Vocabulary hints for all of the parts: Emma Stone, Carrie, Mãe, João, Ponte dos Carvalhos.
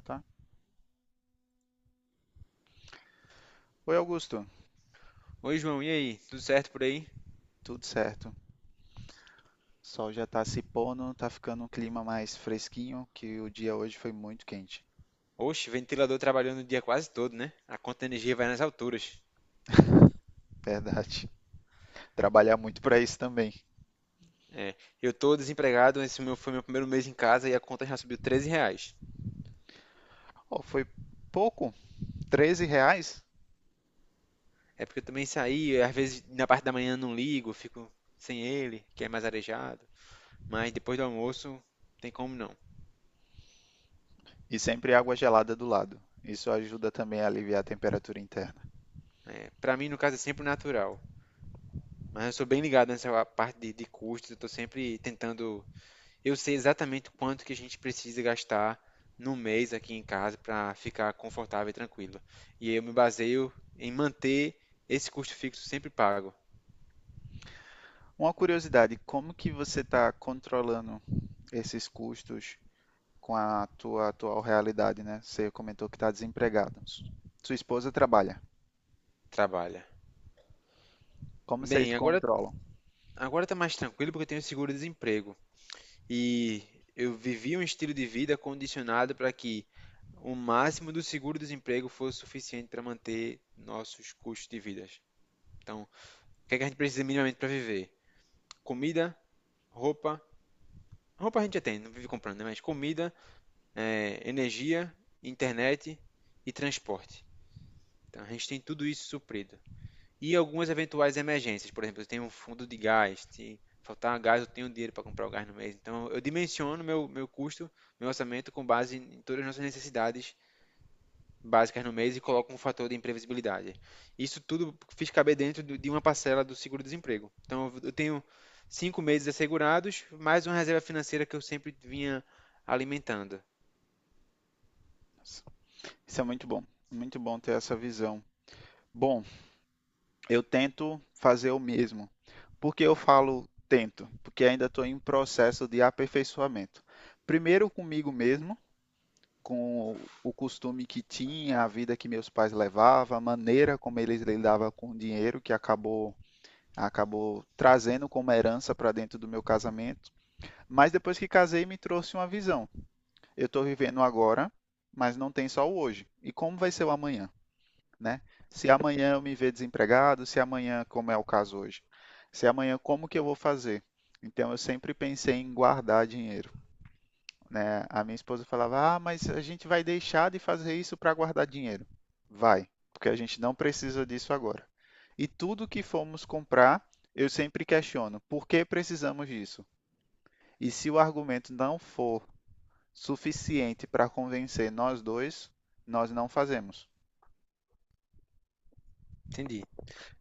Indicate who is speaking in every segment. Speaker 1: Tá. Oi, Augusto.
Speaker 2: Oi, João, e aí? Tudo certo por aí?
Speaker 1: Tudo certo. O sol já tá se pondo, tá ficando um clima mais fresquinho, que o dia hoje foi muito quente.
Speaker 2: Oxe, ventilador trabalhando o dia quase todo, né? A conta de energia vai nas alturas.
Speaker 1: Verdade. Trabalhar muito para isso também.
Speaker 2: É, eu tô desempregado, esse meu foi meu primeiro mês em casa e a conta já subiu R$ 13.
Speaker 1: Ó, foi pouco, R$ 13
Speaker 2: É porque eu também saí, às vezes na parte da manhã não ligo, fico sem ele, que é mais arejado. Mas depois do almoço, tem como não.
Speaker 1: e sempre água gelada do lado. Isso ajuda também a aliviar a temperatura interna.
Speaker 2: É, pra mim, no caso, é sempre natural. Mas eu sou bem ligado nessa parte de custos, eu tô sempre tentando. Eu sei exatamente quanto que a gente precisa gastar no mês aqui em casa para ficar confortável e tranquilo. E eu me baseio em manter esse custo fixo sempre pago.
Speaker 1: Uma curiosidade, como que você está controlando esses custos com a tua atual realidade, né? Você comentou que está desempregado. Sua esposa trabalha.
Speaker 2: Trabalha.
Speaker 1: Como vocês
Speaker 2: Bem, agora
Speaker 1: controlam?
Speaker 2: agora tá mais tranquilo porque eu tenho seguro-desemprego e eu vivi um estilo de vida condicionado para que o máximo do seguro-desemprego fosse suficiente para manter nossos custos de vida. Então, o que é que a gente precisa minimamente para viver? Comida, roupa. Roupa a gente já tem, não vive comprando, né? Mas comida, é, energia, internet e transporte. Então, a gente tem tudo isso suprido. E algumas eventuais emergências, por exemplo, eu tenho um fundo de gás, se faltar gás, eu tenho dinheiro para comprar o gás no mês. Então, eu dimensiono meu custo, meu orçamento com base em todas as nossas necessidades básicas no mês e coloco um fator de imprevisibilidade. Isso tudo fiz caber dentro de uma parcela do seguro-desemprego. Então, eu tenho 5 meses assegurados, mais uma reserva financeira que eu sempre vinha alimentando.
Speaker 1: Isso é muito bom ter essa visão. Bom, eu tento fazer o mesmo. Por que eu falo tento? Porque ainda estou em processo de aperfeiçoamento. Primeiro comigo mesmo, com o costume que tinha, a vida que meus pais levavam, a maneira como eles lidavam com o dinheiro que acabou trazendo como herança para dentro do meu casamento. Mas depois que casei, me trouxe uma visão. Eu estou vivendo agora, mas não tem só o hoje. E como vai ser o amanhã? Né? Se amanhã eu me ver desempregado, se amanhã, como é o caso hoje, se amanhã como que eu vou fazer? Então eu sempre pensei em guardar dinheiro, né? A minha esposa falava: "Ah, mas a gente vai deixar de fazer isso para guardar dinheiro". Vai, porque a gente não precisa disso agora. E tudo que formos comprar, eu sempre questiono: por que precisamos disso? E se o argumento não for suficiente para convencer nós dois, nós não fazemos.
Speaker 2: Entendi.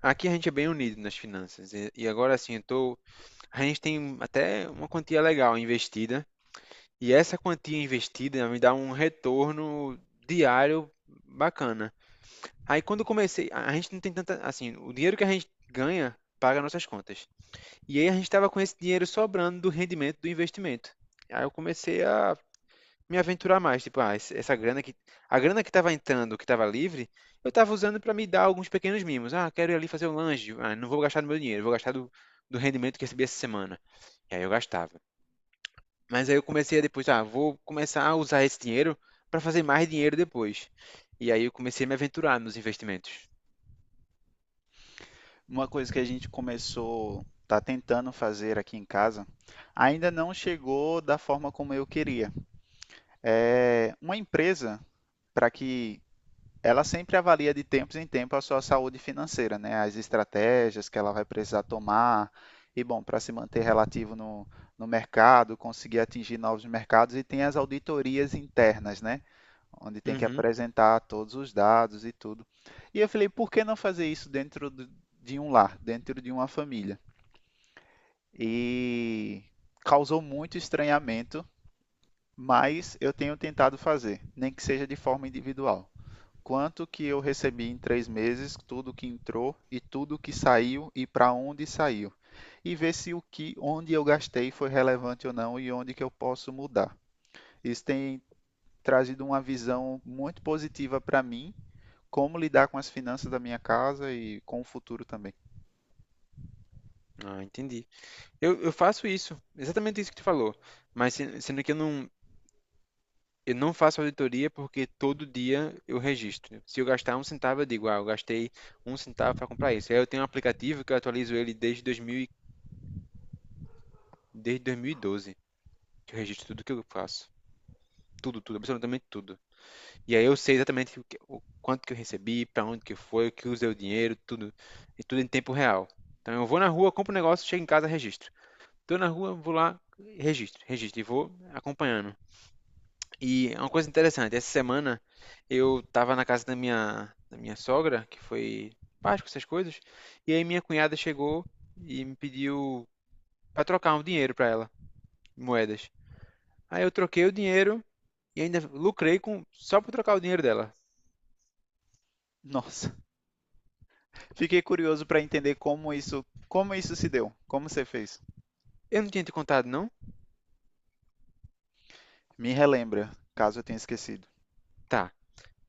Speaker 2: Aqui a gente é bem unido nas finanças. E agora assim, eu tô... a gente tem até uma quantia legal investida. E essa quantia investida me dá um retorno diário bacana. Aí quando eu comecei, a gente não tem tanta. Assim, o dinheiro que a gente ganha paga nossas contas. E aí a gente estava com esse dinheiro sobrando do rendimento do investimento. Aí eu comecei a me aventurar mais. Tipo, ah, esse- essa grana que a grana que estava entrando, que estava livre, eu estava usando para me dar alguns pequenos mimos. Ah, quero ir ali fazer um lanche. Ah, não vou gastar do meu dinheiro, vou gastar do rendimento que recebi essa semana. E aí eu gastava. Mas aí eu comecei a depois, ah, vou começar a usar esse dinheiro para fazer mais dinheiro depois. E aí eu comecei a me aventurar nos investimentos.
Speaker 1: Uma coisa que a gente começou, tá tentando fazer aqui em casa, ainda não chegou da forma como eu queria. É uma empresa para que ela sempre avalia de tempos em tempos a sua saúde financeira, né? As estratégias que ela vai precisar tomar e bom, para se manter relativo no mercado, conseguir atingir novos mercados e tem as auditorias internas, né? Onde tem que
Speaker 2: Uhum.
Speaker 1: apresentar todos os dados e tudo. E eu falei, por que não fazer isso dentro de um lar, dentro de uma família? E causou muito estranhamento, mas eu tenho tentado fazer, nem que seja de forma individual. Quanto que eu recebi em 3 meses, tudo que entrou e tudo que saiu e para onde saiu. E ver se o que, onde eu gastei foi relevante ou não e onde que eu posso mudar. Isso tem trazido uma visão muito positiva para mim como lidar com as finanças da minha casa e com o futuro também.
Speaker 2: Ah, entendi. Eu faço isso, exatamente isso que tu falou. Mas se- sendo que eu não, Eu não faço auditoria porque todo dia eu registro. Se eu gastar um centavo, eu digo, ah, eu gastei um centavo para comprar isso. Aí eu tenho um aplicativo que eu atualizo ele desde 2012, que eu registro tudo que eu faço. Tudo, tudo, absolutamente tudo. E aí eu sei exatamente o quanto que eu recebi, para onde que foi, o que usei o dinheiro, tudo. E tudo em tempo real. Então eu vou na rua, compro um negócio, chego em casa, registro. Tô na rua, vou lá, registro, registro e vou acompanhando. E é uma coisa interessante, essa semana eu tava na casa da minha sogra, que foi Páscoa, essas coisas, e aí minha cunhada chegou e me pediu para trocar um dinheiro para ela, moedas. Aí eu troquei o dinheiro e ainda lucrei com só para trocar o dinheiro dela.
Speaker 1: Nossa, fiquei curioso para entender como isso se deu, como você fez.
Speaker 2: Eu não tinha te contado, não?
Speaker 1: Me relembra, caso eu tenha esquecido.
Speaker 2: Tá.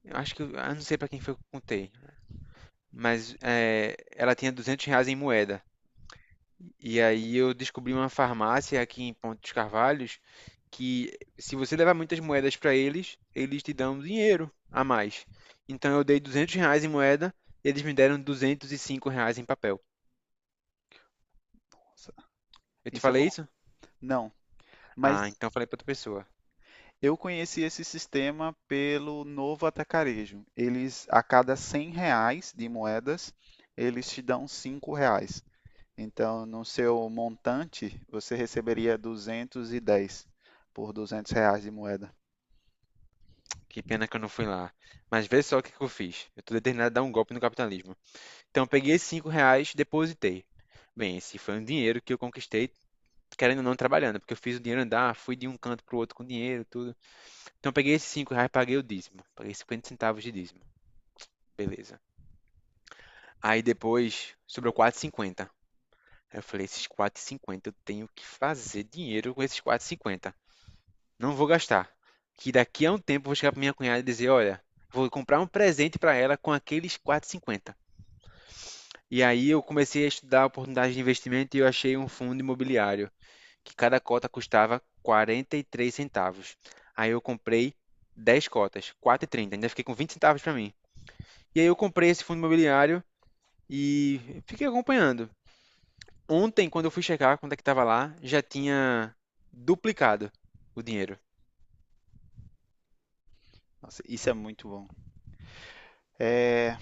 Speaker 2: Eu acho que eu não sei para quem foi que eu contei, mas é, ela tinha R$ 200 em moeda. E aí eu descobri uma farmácia aqui em Ponte dos Carvalhos que se você levar muitas moedas para eles, eles te dão um dinheiro a mais. Então eu dei R$ 200 em moeda, eles me deram R$ 205 em papel.
Speaker 1: Nossa,
Speaker 2: Eu te
Speaker 1: isso é bom?
Speaker 2: falei isso?
Speaker 1: Não,
Speaker 2: Ah,
Speaker 1: mas
Speaker 2: então eu falei para outra pessoa.
Speaker 1: eu conheci esse sistema pelo Novo Atacarejo. Eles, a cada R$ 100 de moedas, eles te dão R$ 5. Então, no seu montante, você receberia 210 por R$ 200 de moeda.
Speaker 2: Que pena que eu não fui lá. Mas vê só o que que eu fiz. Eu tô determinado a dar um golpe no capitalismo. Então eu peguei esses R$ 5, depositei. Bem, esse foi um dinheiro que eu conquistei, querendo ou não, trabalhando, porque eu fiz o dinheiro andar, fui de um canto pro outro com dinheiro, tudo. Então eu peguei esses R$ 5, paguei o dízimo. Paguei 50 centavos de dízimo. Beleza. Aí depois sobrou 4,50. Aí eu falei, esses 4,50 eu tenho que fazer dinheiro com esses 4,50. Não vou gastar. Que daqui a um tempo eu vou chegar pra minha cunhada e dizer, olha, vou comprar um presente para ela com aqueles 4,50. E aí eu comecei a estudar oportunidades de investimento e eu achei um fundo imobiliário que cada cota custava R$ 0,43. Aí eu comprei 10 cotas, 4,30. Ainda fiquei com 20 centavos para mim. E aí eu comprei esse fundo imobiliário e fiquei acompanhando. Ontem, quando eu fui checar quanto é que estava lá, já tinha duplicado o dinheiro.
Speaker 1: Nossa, isso é muito bom. É,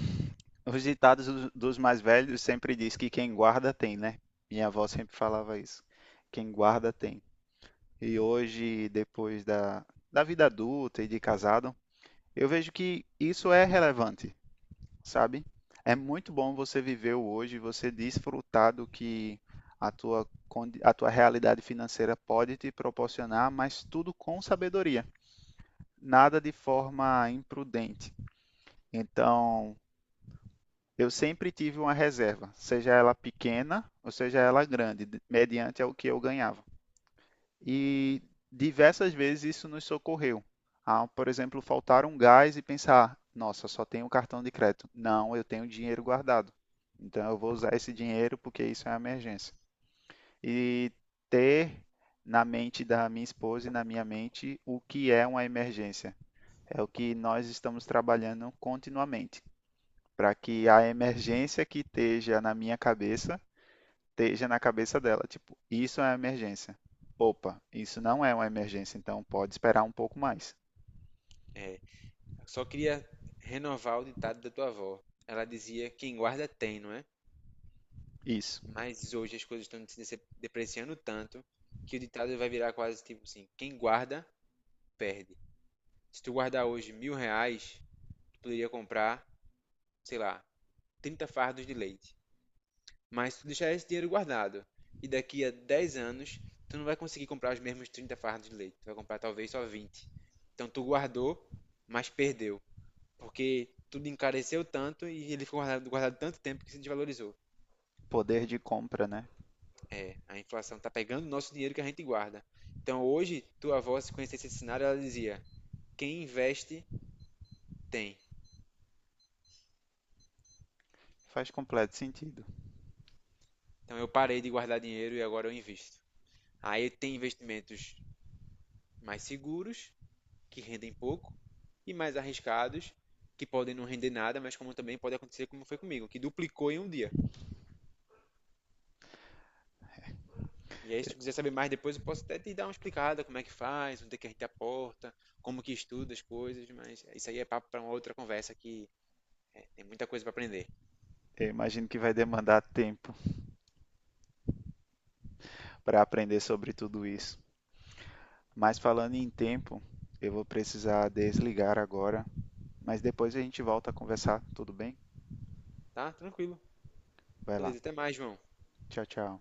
Speaker 1: os ditados dos mais velhos sempre diz que quem guarda tem, né? Minha avó sempre falava isso. Quem guarda tem. E hoje, depois da vida adulta e de casado, eu vejo que isso é relevante, sabe? É muito bom você viver o hoje, você desfrutar do que a tua, a tua realidade financeira pode te proporcionar, mas tudo com sabedoria, nada de forma imprudente. Então, eu sempre tive uma reserva, seja ela pequena ou seja ela grande, mediante ao que eu ganhava. E diversas vezes isso nos socorreu. Ao, por exemplo, faltar um gás e pensar: nossa, só tenho cartão de crédito. Não, eu tenho dinheiro guardado. Então eu vou usar esse dinheiro porque isso é uma emergência. E ter na mente da minha esposa e na minha mente o que é uma emergência. É o que nós estamos trabalhando continuamente para que a emergência que esteja na minha cabeça esteja na cabeça dela. Tipo, isso é uma emergência. Opa, isso não é uma emergência, então pode esperar um pouco mais.
Speaker 2: É, eu só queria renovar o ditado da tua avó. Ela dizia: quem guarda tem, não é?
Speaker 1: Isso.
Speaker 2: Mas hoje as coisas estão se dece- depreciando tanto que o ditado vai virar quase tipo assim: quem guarda, perde. Se tu guardar hoje R$ 1.000, tu poderia comprar, sei lá, 30 fardos de leite. Mas se tu deixar esse dinheiro guardado e daqui a 10 anos, tu não vai conseguir comprar os mesmos 30 fardos de leite. Tu vai comprar talvez só 20. Então tu guardou, mas perdeu. Porque tudo encareceu tanto e ele ficou guardado, guardado tanto tempo que se desvalorizou.
Speaker 1: Poder de compra, né?
Speaker 2: É, a inflação tá pegando o nosso dinheiro que a gente guarda. Então hoje, tua avó, se conhecesse esse cenário, ela dizia: quem investe, tem.
Speaker 1: Faz completo sentido.
Speaker 2: Então eu parei de guardar dinheiro e agora eu invisto. Aí tem investimentos mais seguros que rendem pouco, e mais arriscados, que podem não render nada, mas como também pode acontecer como foi comigo, que duplicou em um dia. E aí, se tu quiser saber mais depois, eu posso até te dar uma explicada como é que faz, onde é que a gente aporta, como que estuda as coisas, mas isso aí é papo para uma outra conversa que tem muita coisa para aprender.
Speaker 1: Eu imagino que vai demandar tempo para aprender sobre tudo isso. Mas falando em tempo, eu vou precisar desligar agora. Mas depois a gente volta a conversar, tudo bem?
Speaker 2: Tá? Tranquilo.
Speaker 1: Vai lá.
Speaker 2: Beleza, até mais, João.
Speaker 1: Tchau, tchau.